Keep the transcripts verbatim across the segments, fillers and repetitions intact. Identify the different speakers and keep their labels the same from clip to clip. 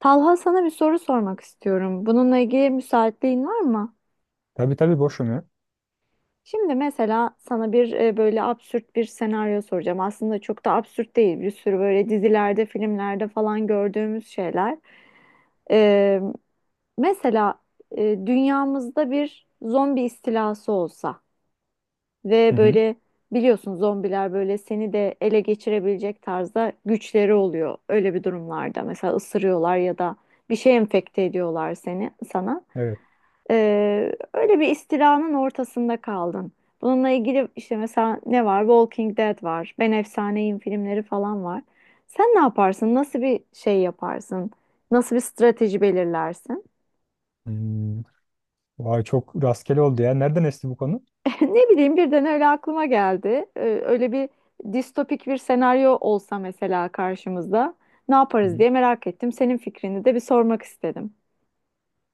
Speaker 1: Talha, sana bir soru sormak istiyorum. Bununla ilgili müsaitliğin var mı?
Speaker 2: Tabii tabii, boşum ya.
Speaker 1: Şimdi mesela sana bir e, böyle absürt bir senaryo soracağım. Aslında çok da absürt değil. Bir sürü böyle dizilerde, filmlerde falan gördüğümüz şeyler. Ee, mesela e, dünyamızda bir zombi istilası olsa
Speaker 2: Hı
Speaker 1: ve
Speaker 2: hı.
Speaker 1: böyle biliyorsun, zombiler böyle seni de ele geçirebilecek tarzda güçleri oluyor. Öyle bir durumlarda mesela ısırıyorlar ya da bir şey enfekte ediyorlar seni sana.
Speaker 2: Evet.
Speaker 1: Ee, öyle bir istilanın ortasında kaldın. Bununla ilgili işte mesela ne var? Walking Dead var. Ben Efsaneyim filmleri falan var. Sen ne yaparsın? Nasıl bir şey yaparsın? Nasıl bir strateji belirlersin?
Speaker 2: Hmm. Vay, çok rastgele oldu ya. Nereden esti bu konu?
Speaker 1: Ne bileyim, birden öyle aklıma geldi. Ee, öyle bir distopik bir senaryo olsa mesela karşımızda ne
Speaker 2: Hı
Speaker 1: yaparız
Speaker 2: hı.
Speaker 1: diye merak ettim. Senin fikrini de bir sormak istedim.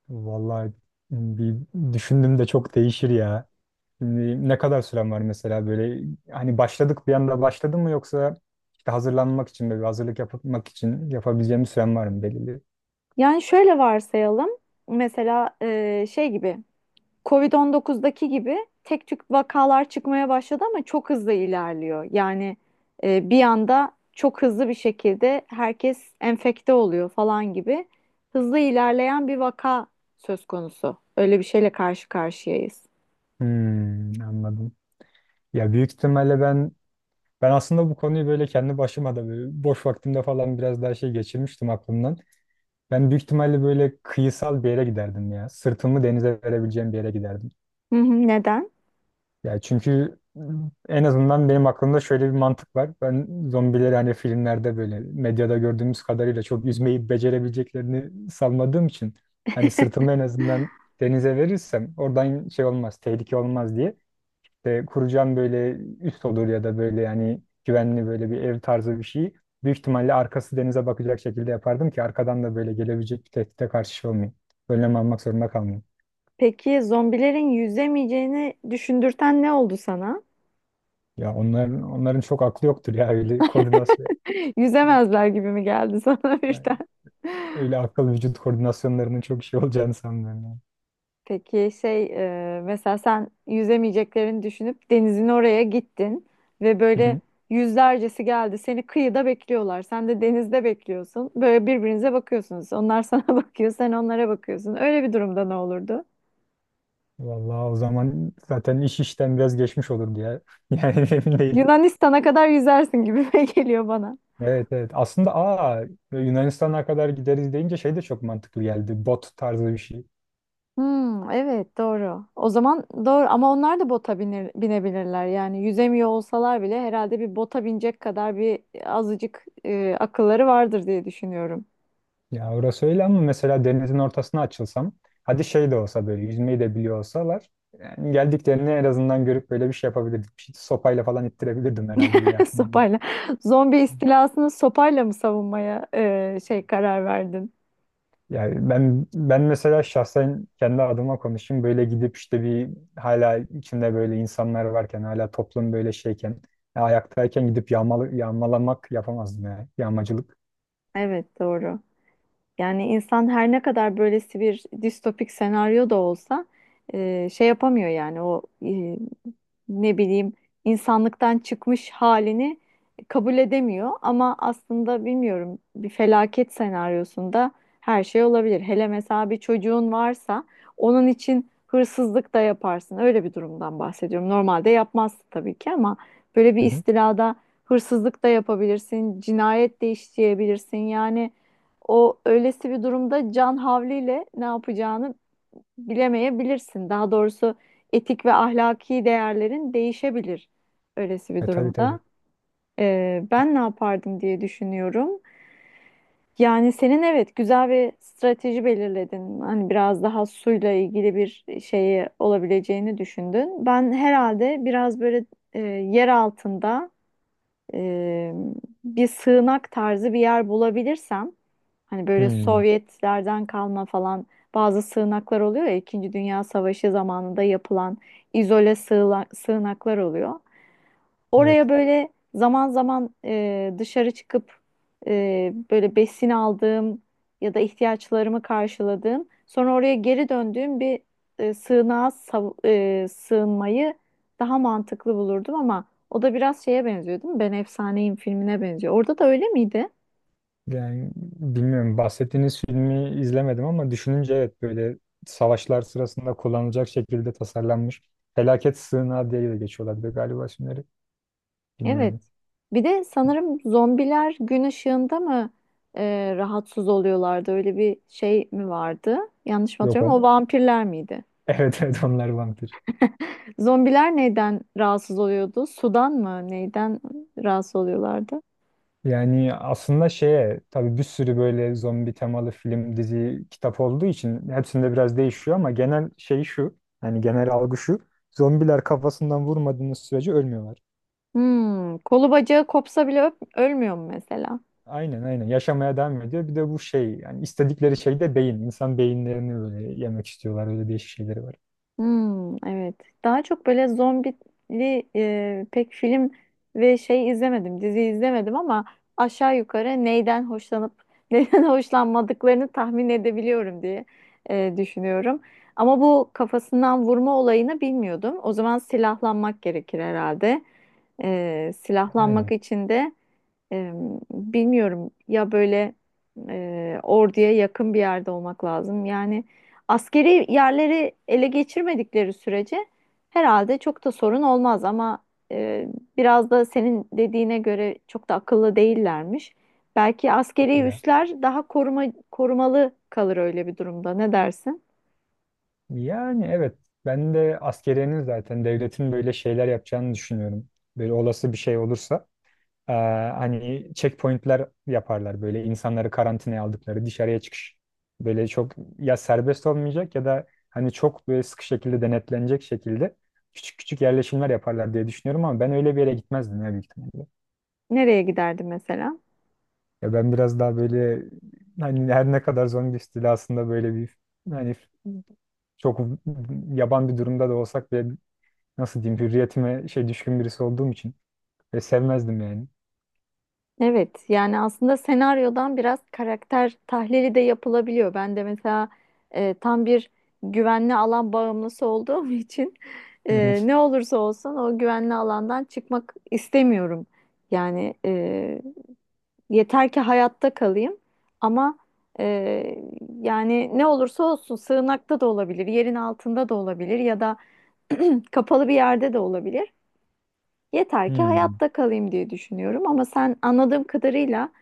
Speaker 2: Vallahi hmm, bir düşündüm de çok değişir ya. Şimdi ne kadar süren var mesela? Böyle hani başladık, bir anda başladın mı, yoksa işte hazırlanmak için, böyle bir hazırlık yapmak için yapabileceğim bir süren var mı belirli?
Speaker 1: Yani şöyle varsayalım. Mesela e, şey gibi. kovid on dokuzdaki gibi tek tük vakalar çıkmaya başladı ama çok hızlı ilerliyor. Yani e, bir anda çok hızlı bir şekilde herkes enfekte oluyor falan gibi hızlı ilerleyen bir vaka söz konusu. Öyle bir şeyle karşı karşıyayız.
Speaker 2: Hmm, anladım. Ya büyük ihtimalle ben ben aslında bu konuyu böyle kendi başıma da, böyle boş vaktimde falan, biraz daha şey geçirmiştim aklımdan. Ben büyük ihtimalle böyle kıyısal bir yere giderdim ya. Sırtımı denize verebileceğim bir yere giderdim.
Speaker 1: Hı hı, neden?
Speaker 2: Ya çünkü en azından benim aklımda şöyle bir mantık var. Ben zombileri, hani filmlerde, böyle medyada gördüğümüz kadarıyla çok yüzmeyi becerebileceklerini sanmadığım için hani sırtımı en azından denize verirsem oradan şey olmaz, tehlike olmaz diye. İşte kuracağım böyle üst olur ya da böyle yani güvenli, böyle bir ev tarzı bir şey. Büyük ihtimalle arkası denize bakacak şekilde yapardım ki arkadan da böyle gelebilecek bir tehdide karşı şey olmayayım, önlem almak zorunda kalmayayım.
Speaker 1: Peki, zombilerin yüzemeyeceğini düşündürten ne oldu sana?
Speaker 2: Ya onların onların çok aklı yoktur ya, öyle koordinasyon, ya,
Speaker 1: Yüzemezler gibi mi geldi sana
Speaker 2: yani
Speaker 1: birden?
Speaker 2: öyle akıl vücut koordinasyonlarının çok şey olacağını sanmıyorum. Yani.
Speaker 1: Peki, şey e, mesela sen yüzemeyeceklerini düşünüp denizin oraya gittin ve
Speaker 2: Hı
Speaker 1: böyle
Speaker 2: hı.
Speaker 1: yüzlercesi geldi. Seni kıyıda bekliyorlar. Sen de denizde bekliyorsun. Böyle birbirinize bakıyorsunuz. Onlar sana bakıyor, sen onlara bakıyorsun. Öyle bir durumda ne olurdu?
Speaker 2: Vallahi o zaman zaten iş işten biraz geçmiş olurdu ya. Yani emin değilim.
Speaker 1: Yunanistan'a kadar yüzersin gibi geliyor bana.
Speaker 2: Evet, evet. Aslında aa, Yunanistan'a kadar gideriz deyince şey de çok mantıklı geldi. Bot tarzı bir şey.
Speaker 1: Hmm, evet, doğru. O zaman doğru ama onlar da bota binir- binebilirler. Yani yüzemiyor olsalar bile herhalde bir bota binecek kadar bir azıcık e, akılları vardır diye düşünüyorum.
Speaker 2: Ya orası öyle ama mesela denizin ortasına açılsam, hadi şey de olsa, böyle yüzmeyi de biliyor olsalar, yani geldiklerini en azından görüp böyle bir şey yapabilirdik. Bir şey, sopayla falan ittirebilirdim herhalde diye aklıma geliyor.
Speaker 1: Sopayla. Zombi istilasını sopayla mı savunmaya e, şey karar verdin?
Speaker 2: Yani ben ben mesela şahsen kendi adıma konuşayım, böyle gidip işte bir, hala içinde böyle insanlar varken, hala toplum böyle şeyken ya ayaktayken gidip yağmalı, yağmalamak yapamazdım ya. Yağmacılık.
Speaker 1: Evet, doğru. Yani insan her ne kadar böylesi bir distopik senaryo da olsa e, şey yapamıyor, yani o e, ne bileyim, insanlıktan çıkmış halini kabul edemiyor. Ama aslında bilmiyorum, bir felaket senaryosunda her şey olabilir. Hele mesela bir çocuğun varsa onun için hırsızlık da yaparsın. Öyle bir durumdan bahsediyorum. Normalde yapmazsın tabii ki, ama böyle bir
Speaker 2: Hı hı.
Speaker 1: istilada hırsızlık da yapabilirsin, cinayet de işleyebilirsin. Yani o öylesi bir durumda can havliyle ne yapacağını bilemeyebilirsin. Daha doğrusu etik ve ahlaki değerlerin değişebilir öylesi bir
Speaker 2: E tabii,
Speaker 1: durumda.
Speaker 2: tabii.
Speaker 1: Ee, ben ne yapardım diye düşünüyorum. Yani senin, evet, güzel bir strateji belirledin. Hani biraz daha suyla ilgili bir şeyi olabileceğini düşündün. Ben herhalde biraz böyle e, yer altında e, bir sığınak tarzı bir yer bulabilirsem, hani böyle
Speaker 2: Hmm,
Speaker 1: Sovyetlerden kalma falan bazı sığınaklar oluyor ya, İkinci Dünya Savaşı zamanında yapılan izole sığla- sığınaklar oluyor.
Speaker 2: evet.
Speaker 1: Oraya böyle zaman zaman e, dışarı çıkıp e, böyle besin aldığım ya da ihtiyaçlarımı karşıladığım, sonra oraya geri döndüğüm bir e, sığınağa sav- e, sığınmayı daha mantıklı bulurdum ama o da biraz şeye benziyor, değil mi? Ben Efsaneyim filmine benziyor. Orada da öyle miydi?
Speaker 2: Yani bilmiyorum, bahsettiğiniz filmi izlemedim ama düşününce evet, böyle savaşlar sırasında kullanılacak şekilde tasarlanmış. Felaket sığınağı diye de geçiyorlar bir de galiba isimleri.
Speaker 1: Evet.
Speaker 2: Bilmiyorum.
Speaker 1: Bir de sanırım zombiler gün ışığında mı e, rahatsız oluyorlardı? Öyle bir şey mi vardı? Yanlış mı
Speaker 2: Yok
Speaker 1: hatırlıyorum? O
Speaker 2: on.
Speaker 1: vampirler miydi?
Speaker 2: Evet, evet, onlar vampir.
Speaker 1: Zombiler neyden rahatsız oluyordu? Sudan mı? Neyden rahatsız oluyorlardı?
Speaker 2: Yani aslında şeye, tabii bir sürü böyle zombi temalı film, dizi, kitap olduğu için hepsinde biraz değişiyor ama genel şey şu. Yani genel algı şu: zombiler kafasından vurmadığınız sürece ölmüyorlar.
Speaker 1: Hmm, kolu bacağı kopsa bile öp- ölmüyor mu mesela?
Speaker 2: Aynen, aynen, yaşamaya devam ediyor. Bir de bu şey, yani istedikleri şey de beyin. İnsan beyinlerini böyle yemek istiyorlar. Öyle değişik şeyleri var.
Speaker 1: Hmm, evet. Daha çok böyle zombili e, pek film ve şey izlemedim, dizi izlemedim, ama aşağı yukarı neyden hoşlanıp neyden hoşlanmadıklarını tahmin edebiliyorum diye e, düşünüyorum. Ama bu kafasından vurma olayını bilmiyordum. O zaman silahlanmak gerekir herhalde. E, silahlanmak
Speaker 2: Yani
Speaker 1: için de Eee, bilmiyorum ya, böyle eee, orduya yakın bir yerde olmak lazım. Yani askeri yerleri ele geçirmedikleri sürece herhalde çok da sorun olmaz ama eee, biraz da senin dediğine göre çok da akıllı değillermiş. Belki
Speaker 2: yok
Speaker 1: askeri
Speaker 2: ya.
Speaker 1: üsler daha koruma, korumalı kalır öyle bir durumda. Ne dersin?
Speaker 2: Yani evet, ben de askeriyenin, zaten devletin böyle şeyler yapacağını düşünüyorum. Böyle olası bir şey olursa eee, hani checkpointler yaparlar, böyle insanları karantinaya aldıkları dışarıya çıkış. Böyle çok ya serbest olmayacak ya da hani çok böyle sıkı şekilde denetlenecek şekilde küçük küçük yerleşimler yaparlar diye düşünüyorum ama ben öyle bir yere gitmezdim ya, büyük ihtimalle.
Speaker 1: Nereye giderdi mesela?
Speaker 2: Ya ben biraz daha böyle, hani her ne kadar zombi istilasında böyle bir, hani, çok yaban bir durumda da olsak bile, nasıl diyeyim, hürriyetime şey düşkün birisi olduğum için ve sevmezdim yani.
Speaker 1: Evet, yani aslında senaryodan biraz karakter tahlili de yapılabiliyor. Ben de mesela e, tam bir güvenli alan bağımlısı olduğum için
Speaker 2: Hı hı.
Speaker 1: e, ne olursa olsun o güvenli alandan çıkmak istemiyorum. Yani e, yeter ki hayatta kalayım, ama e, yani ne olursa olsun sığınakta da olabilir, yerin altında da olabilir ya da kapalı bir yerde de olabilir. Yeter ki
Speaker 2: Hmm.
Speaker 1: hayatta kalayım diye düşünüyorum, ama sen anladığım kadarıyla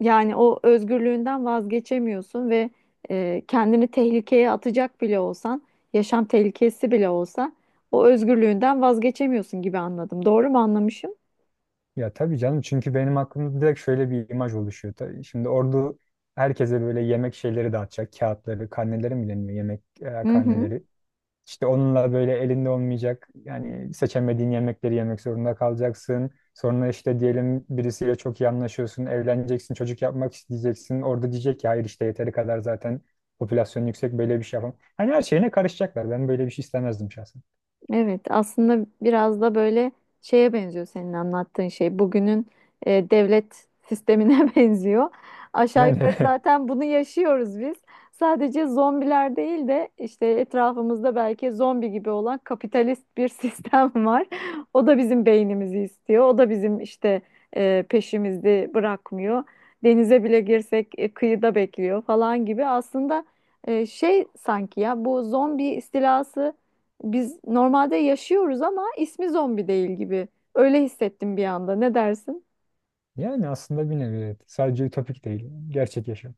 Speaker 1: yani o özgürlüğünden vazgeçemiyorsun ve e, kendini tehlikeye atacak bile olsan, yaşam tehlikesi bile olsa o özgürlüğünden vazgeçemiyorsun gibi anladım. Doğru mu anlamışım?
Speaker 2: Ya tabii canım, çünkü benim aklımda direkt şöyle bir imaj oluşuyor. Tabii şimdi ordu herkese böyle yemek şeyleri dağıtacak. Kağıtları, karneleri mi deniyor? Yemek e,
Speaker 1: Hı hı.
Speaker 2: karneleri. İşte onunla böyle elinde olmayacak, yani seçemediğin yemekleri yemek zorunda kalacaksın. Sonra işte, diyelim birisiyle çok iyi anlaşıyorsun, evleneceksin, çocuk yapmak isteyeceksin. Orada diyecek ki hayır, işte yeteri kadar zaten popülasyon yüksek, böyle bir şey yapamam. Hani her şeyine karışacaklar. Ben böyle bir şey istemezdim şahsen.
Speaker 1: Evet, aslında biraz da böyle şeye benziyor senin anlattığın şey. Bugünün e, devlet sistemine benziyor. Aşağı yukarı
Speaker 2: Yani
Speaker 1: zaten bunu yaşıyoruz biz. Sadece zombiler değil de işte etrafımızda belki zombi gibi olan kapitalist bir sistem var. O da bizim beynimizi istiyor. O da bizim işte e, peşimizi bırakmıyor. Denize bile girsek e, kıyıda bekliyor falan gibi. Aslında e, şey sanki ya bu zombi istilası biz normalde yaşıyoruz ama ismi zombi değil gibi. Öyle hissettim bir anda. Ne dersin?
Speaker 2: yani aslında bir nevi evet. Sadece ütopik değil, gerçek yaşam.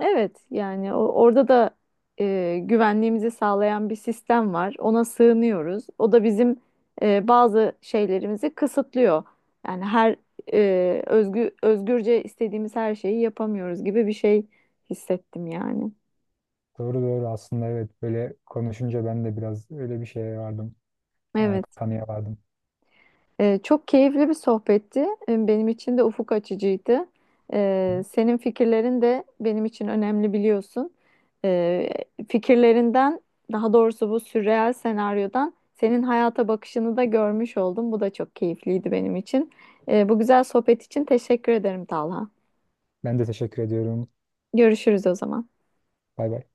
Speaker 1: Evet, yani o- orada da e, güvenliğimizi sağlayan bir sistem var. Ona sığınıyoruz. O da bizim e, bazı şeylerimizi kısıtlıyor. Yani her e, özgü, özgürce istediğimiz her şeyi yapamıyoruz gibi bir şey hissettim yani.
Speaker 2: Doğru, doğru, aslında evet, böyle konuşunca ben de biraz öyle bir şeye vardım. E,
Speaker 1: Evet.
Speaker 2: kanıya vardım.
Speaker 1: Ee, çok keyifli bir sohbetti. Ee, Benim için de ufuk açıcıydı. Ee, senin fikirlerin de benim için önemli, biliyorsun. Ee, fikirlerinden, daha doğrusu bu sürreal senaryodan senin hayata bakışını da görmüş oldum. Bu da çok keyifliydi benim için. Ee, bu güzel sohbet için teşekkür ederim, Talha.
Speaker 2: Ben de teşekkür ediyorum.
Speaker 1: Görüşürüz o zaman.
Speaker 2: Bay bay.